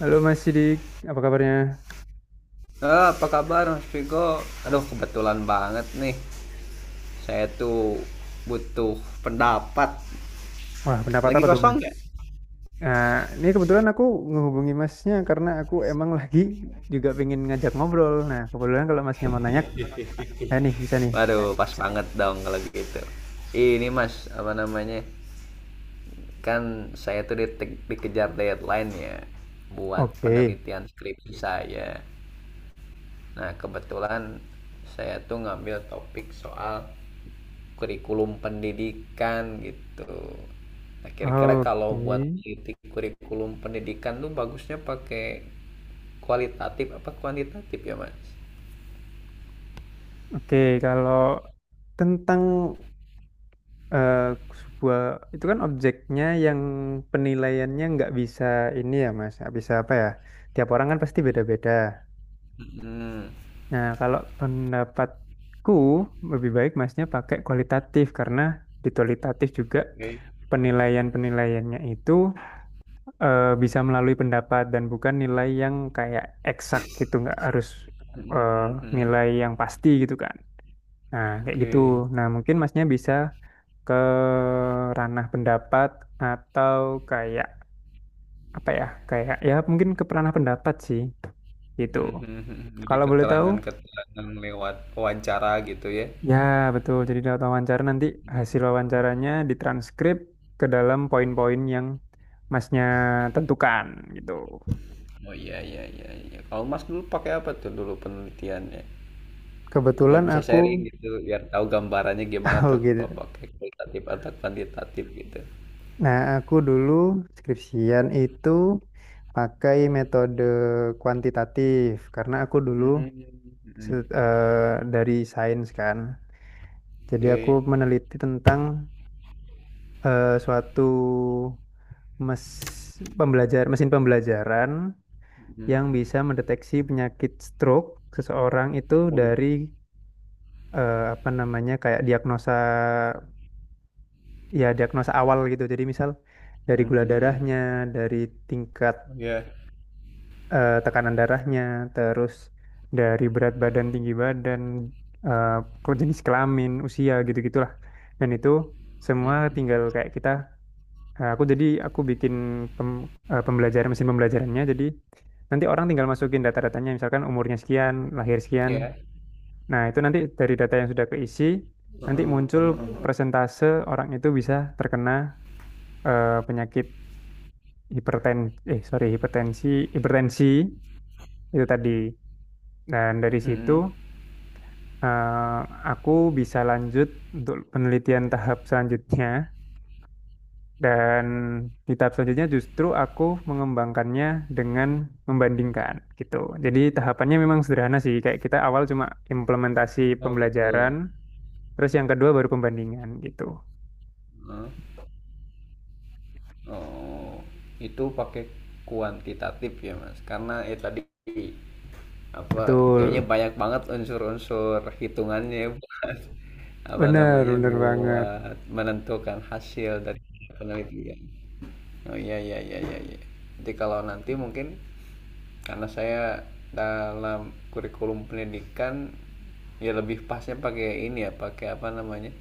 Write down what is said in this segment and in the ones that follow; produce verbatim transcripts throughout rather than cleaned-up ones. Halo Mas Sidik, apa kabarnya? Eh, apa kabar Mas Vigo? Aduh, kebetulan banget nih. Saya tuh butuh pendapat. Wah, pendapat Lagi apa tuh kosong Mas? nggak? Nah, ini kebetulan aku menghubungi Masnya karena aku emang lagi juga pengen ngajak ngobrol. Nah, kebetulan kalau Masnya mau nanya, ya nih bisa nih. Waduh, pas banget dong kalau gitu. Ini Mas, apa namanya? Kan saya tuh di- dikejar deadline ya buat Oke, penelitian skripsi saya. Nah, kebetulan saya tuh ngambil topik soal kurikulum pendidikan gitu. Nah, kira-kira kalau oke, buat meneliti kurikulum pendidikan tuh bagusnya pakai kualitatif apa kuantitatif ya, Mas? oke, kalau tentang eh, sebuah itu kan objeknya yang penilaiannya nggak bisa ini ya Mas, nggak bisa apa ya? Tiap orang kan pasti beda-beda. Hmm, Nah, kalau pendapatku lebih baik masnya pakai kualitatif karena di kualitatif juga oke. penilaian-penilaiannya itu eh, bisa melalui pendapat dan bukan nilai yang kayak eksak gitu, nggak harus Hmm, eh, hmm, hmm. nilai yang pasti gitu kan. Nah, kayak gitu. Oke. Nah, mungkin masnya bisa ke ranah pendapat atau kayak apa ya, kayak ya mungkin ke ranah pendapat sih gitu. Hmm, hmm, hmm. Jadi Kalau boleh tahu keterangan-keterangan lewat wawancara gitu ya. ya, betul. Jadi lewat wawancara nanti hasil wawancaranya ditranskrip ke dalam poin-poin yang masnya tentukan gitu. Oh iya iya iya iya. Kalau Mas dulu pakai apa tuh dulu penelitiannya? Biar Kebetulan bisa aku, sharing gitu, biar tahu gambarannya gimana oh tuh gitu. kalau pakai kualitatif atau kuantitatif gitu. Nah, aku dulu skripsian itu pakai metode kuantitatif karena aku dulu Mmm, se- mhm. eh, dari sains kan. Jadi aku Oke, meneliti tentang eh, suatu mes pembelajar mesin pembelajaran mhm. yang bisa mendeteksi penyakit stroke seseorang itu dari Waduh, eh, apa namanya kayak diagnosa ya diagnosa awal gitu. Jadi misal dari mhm gula mhm. darahnya, dari tingkat Iya, eh, tekanan darahnya, terus dari berat badan, tinggi badan, eh, ke- jenis kelamin, usia gitu-gitulah. Dan itu semua mhm, tinggal kayak kita eh, aku jadi aku bikin pem- eh, pembelajaran mesin pembelajarannya jadi nanti orang tinggal masukin data-datanya misalkan umurnya sekian, lahir sekian, iya, nah, itu nanti dari data yang sudah keisi, nanti muncul heeh heeh heeh, persentase orang itu bisa terkena eh, penyakit hiperten eh sorry hipertensi hipertensi itu tadi. Dan dari situ mhm. eh, aku bisa lanjut untuk penelitian tahap selanjutnya dan di tahap selanjutnya justru aku mengembangkannya dengan membandingkan gitu. Jadi tahapannya memang sederhana sih, kayak kita awal cuma implementasi Oh pembelajaran, gitu, terus yang kedua baru pembandingan gitu. heeh. Oh, itu pakai kuantitatif ya, Mas, karena ya tadi apa kayaknya Betul, banyak banget unsur-unsur hitungannya ya buat apa bener namanya bener banget. buat menentukan hasil dari penelitian. Oh iya iya iya iya, iya. Jadi kalau nanti mungkin karena saya dalam kurikulum pendidikan ya lebih pasnya pakai ini ya pakai apa namanya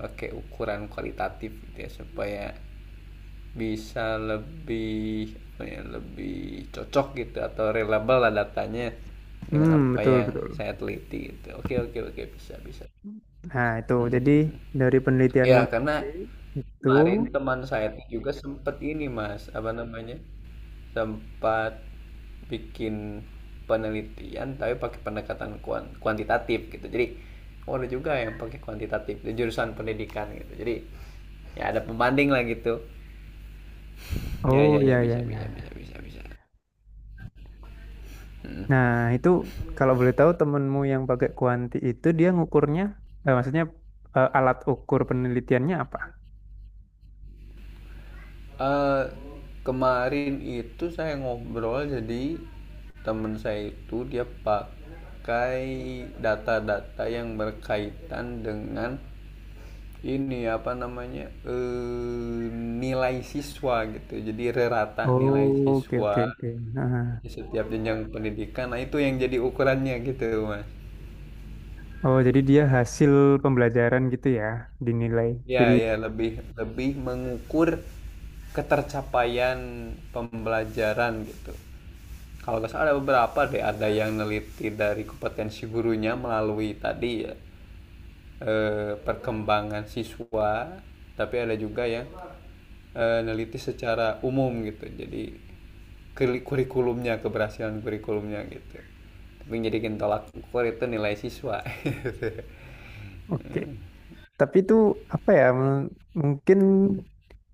pakai ukuran kualitatif gitu ya supaya bisa lebih apa ya, lebih cocok gitu atau reliable lah datanya dengan Hmm, apa betul, yang betul. saya teliti gitu. Oke oke oke bisa bisa. Nah, itu jadi dari penelitianmu Ya karena nanti itu, kemarin teman saya tuh juga sempat ini mas apa namanya sempat bikin penelitian tapi pakai pendekatan kuan- kuantitatif gitu. Jadi oh ada juga yang pakai kuantitatif di jurusan pendidikan gitu. Jadi ya ada pembanding lah gitu. Ya oh ya ya ya, ya, bisa ya, bisa ya. bisa bisa bisa. Mm. Nah, itu kalau boleh tahu temenmu yang pakai kuanti itu dia ngukurnya, eh, maksudnya eh, alat ukur penelitiannya apa? Eh, Kemarin itu saya ngobrol jadi temen saya itu dia pakai data-data yang berkaitan dengan ini apa namanya eh, nilai siswa gitu. Jadi rata nilai Oh, oke, siswa oke, oke. Nah, di setiap jenjang pendidikan. Nah itu yang jadi ukurannya gitu mas. oh, jadi dia hasil pembelajaran gitu ya, dinilai. Jadi, Ya, ya lebih lebih mengukur ketercapaian pembelajaran gitu. Kalau nggak salah ada beberapa deh, ada yang neliti dari kompetensi gurunya melalui tadi ya eh, perkembangan siswa, tapi ada juga yang eh, neliti secara umum gitu. Jadi kuri- kurikulumnya keberhasilan kurikulumnya gitu. Tapi jadi tolak ukur itu nilai siswa. oke. Tapi itu apa ya? men- Mungkin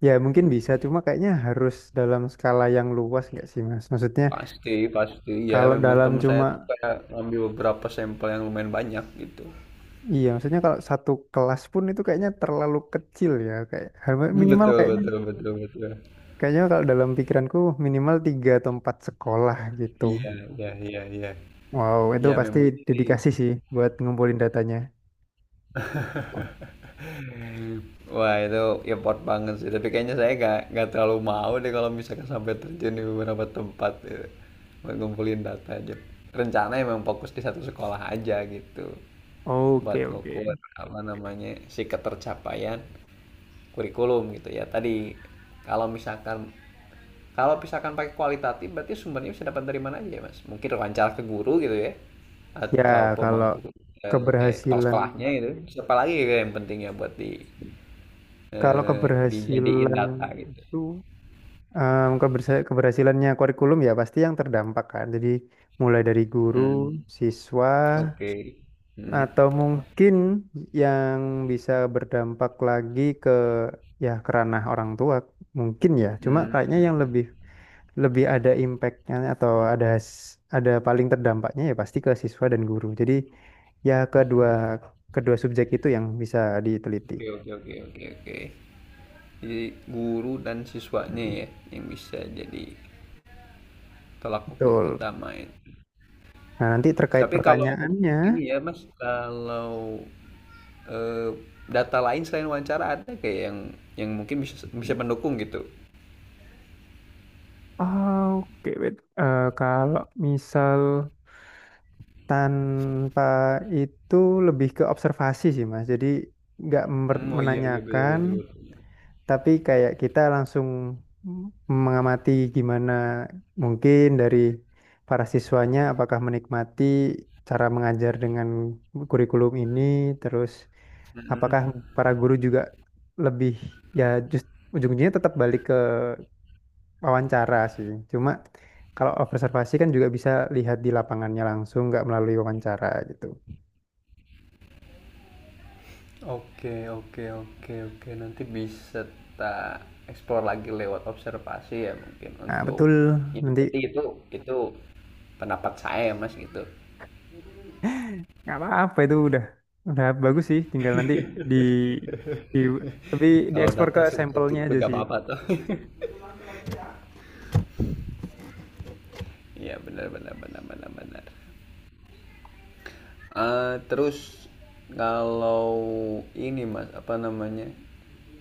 ya mungkin bisa cuma kayaknya harus dalam skala yang luas nggak sih Mas? Maksudnya Pasti, pasti. Ya, kalau memang dalam teman saya cuma tuh kayak ngambil beberapa sampel yang lumayan banyak gitu. iya maksudnya kalau satu kelas pun itu kayaknya terlalu kecil ya kayak har- minimal Betul, kayaknya betul, betul, betul. kayaknya kalau dalam pikiranku minimal tiga atau empat sekolah gitu. Iya, iya, iya, iya. Wow, itu Ya pasti memang jadi dedikasi sih buat ngumpulin datanya. wah itu effort banget sih, tapi kayaknya saya nggak nggak terlalu mau deh kalau misalkan sampai terjun di beberapa tempat gitu. Buat ngumpulin data aja. Rencana emang fokus di satu sekolah aja gitu, buat Oke, oke. ngukur apa namanya si ketercapaian kurikulum gitu ya. Tadi kalau misalkan kalau misalkan pakai kualitatif berarti sumbernya bisa dapat dari mana aja ya, Mas? Mungkin wawancara ke guru gitu ya Ya, atau kalau pemangku eh, eh, kepala keberhasilan sekolahnya gitu. Siapa lagi gitu yang pentingnya buat di kalau eh, dijadiin keberhasilan data gitu. itu em, kebersa- keberhasilannya kurikulum ya pasti yang terdampak kan. Jadi mulai dari guru, Hmm. siswa, Oke. atau Hmm. mungkin yang bisa berdampak lagi ke ya ke ranah orang tua mungkin ya. Cuma kayaknya yang Hmm. lebih lebih ada impactnya atau ada has- ada paling terdampaknya ya pasti ke siswa dan guru. Jadi ya kedua hmm. kedua subjek itu yang bisa diteliti. Oke, oke, oke, oke, oke. Jadi guru dan siswanya ya yang bisa jadi tolak ukur Betul. utama itu. Nah, nanti terkait Tapi kalau pertanyaannya ini ya Mas, kalau eh, data lain selain wawancara ada kayak yang yang mungkin bisa bisa mendukung gitu. ah, oke, wait. Eh, kalau misal tanpa itu lebih ke observasi sih, Mas. Jadi nggak mer- Hmm, oh iya iya betul menanyakan, betul, betul. tapi kayak kita langsung mengamati gimana mungkin dari para siswanya apakah menikmati cara mengajar dengan kurikulum ini, terus Mm-mm. apakah para guru juga lebih ya just ujung-ujungnya tetap balik wawancara sih. Cuma kalau observasi kan juga bisa lihat di lapangannya langsung, nggak melalui wawancara gitu. Oke, oke, oke, oke. Nanti bisa tak explore lagi lewat observasi ya mungkin Nah, untuk betul. ini Nanti berarti itu itu pendapat saya ya, Mas gitu. nggak apa-apa itu udah udah bagus sih. Tinggal nanti di di tapi Kalau dieksplor data ke subjektif sampelnya itu aja gak sih. apa-apa tuh. Iya benar benar benar benar benar. Eh, terus kalau ini mas apa namanya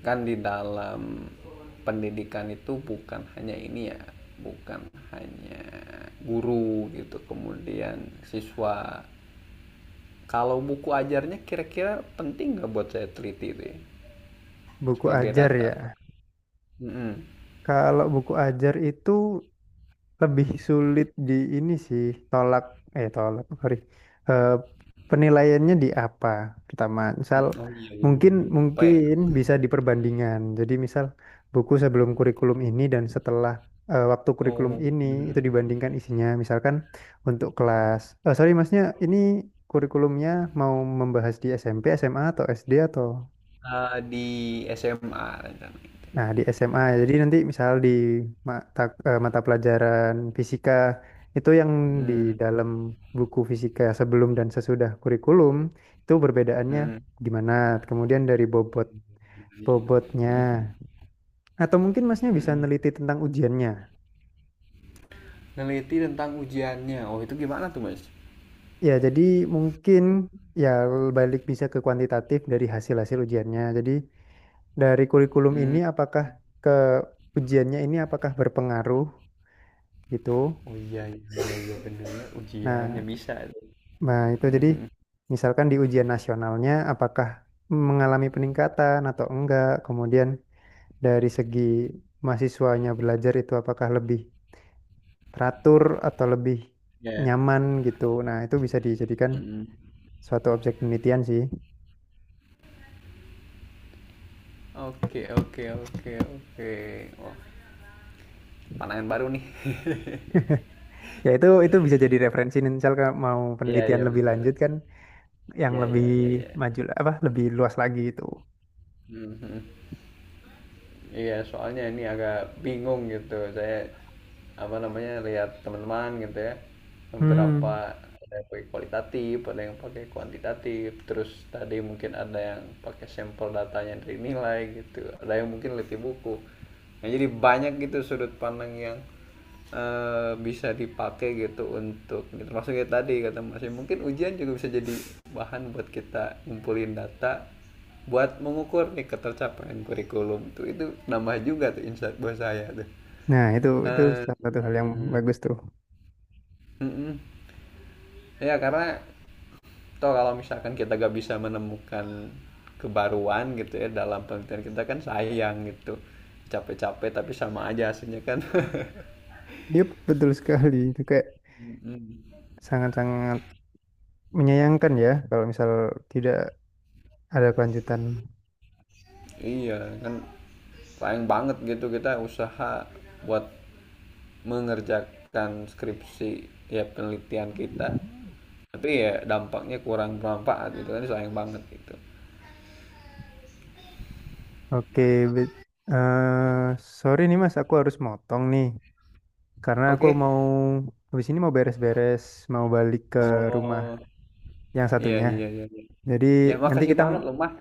kan di dalam pendidikan itu bukan hanya ini ya bukan hanya guru gitu kemudian siswa kalau buku ajarnya kira-kira penting nggak buat saya teliti itu ya Buku sebagai ajar data. ya. Mm-mm. Kalau buku ajar itu lebih sulit di ini sih tolak eh tolak sorry Eh, penilaiannya di apa pertama misal Mm, oh iya iya mungkin bener. Apa ya, mungkin bisa diperbandingan jadi misal buku sebelum kurikulum ini dan setelah eh, waktu kurikulum oh. ini itu dibandingkan isinya misalkan untuk kelas eh sorry masnya ini kurikulumnya mau membahas di SMP SMA atau SD atau Ah, di S M A rencananya. nah, di SMA. Jadi nanti misal di mata eh, mata pelajaran fisika itu yang di Mm, dalam buku fisika sebelum dan sesudah kurikulum itu perbedaannya mm, gimana? Kemudian dari bobot bobotnya mm, atau mungkin Masnya bisa mm. neliti tentang ujiannya. Neliti tentang ujiannya. Oh, itu gimana tuh, Mas? Ya, jadi mungkin ya balik bisa ke kuantitatif dari hasil-hasil ujiannya. Jadi dari kurikulum ini Hmm, apakah ke ujiannya ini apakah berpengaruh gitu? oh iya, iya, iya iya, bener ya. Ujiannya Nah, bisa. nah, itu jadi Mhm. misalkan di ujian nasionalnya apakah mengalami peningkatan atau enggak, kemudian dari segi mahasiswanya belajar itu apakah lebih teratur atau lebih Ya. nyaman gitu. Nah, itu bisa dijadikan Hmm. suatu objek penelitian sih. Oke, oke, oke, oke. Wah, pandangan baru nih. Ya itu itu bisa jadi referensi nih, misal kalau mau Iya penelitian iya lebih lanjut benar. kan yang Iya lebih iya iya iya. maju apa lebih luas lagi itu. Mhm. Iya, soalnya ini agak bingung gitu. Saya apa namanya lihat teman-teman gitu ya, beberapa Hmm. ada yang pakai kualitatif, ada yang pakai kuantitatif. Terus tadi mungkin ada yang pakai sampel datanya dari nilai gitu, ada yang mungkin lebih buku. Nah, jadi banyak gitu sudut pandang yang eh, bisa dipakai gitu untuk termasuk kayak tadi kata Mas mungkin ujian juga bisa jadi bahan buat kita ngumpulin data buat mengukur nih ketercapaian kurikulum tuh itu nambah juga tuh insight buat saya tuh. Nah, itu itu Eee, salah satu hal yang bagus tuh. mhm. Ya karena toh kalau misalkan kita gak bisa menemukan kebaruan gitu ya dalam penelitian kita kan sayang gitu. Capek-capek tapi sama aja hasilnya kan. Yup, betul sekali. Itu kayak Mhm. sangat-sangat menyayangkan ya kalau misal tidak ada kelanjutan. Iya kan sayang banget gitu kita usaha buat mengerjakan skripsi ya penelitian kita tapi ya dampaknya kurang bermanfaat gitu kan sayang banget gitu. Oke, bet- eh, sorry nih Mas, aku harus motong nih karena aku Oke, mau habis ini mau beres-beres, mau balik ke rumah oh yang iya satunya. iya iya iya. Jadi Ya nanti makasih kita ng- banget loh mas.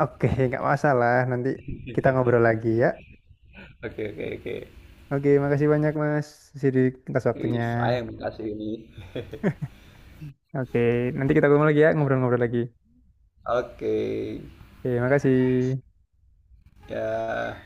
oke, nggak masalah. Nanti kita ngobrol lagi ya. Oke oke oke. Oke, makasih banyak Mas Sidik atas Ih, waktunya. sayang makasih ini. Oke, nanti kita ketemu lagi ya, ngobrol-ngobrol lagi. Oke Oke, makasih. ya.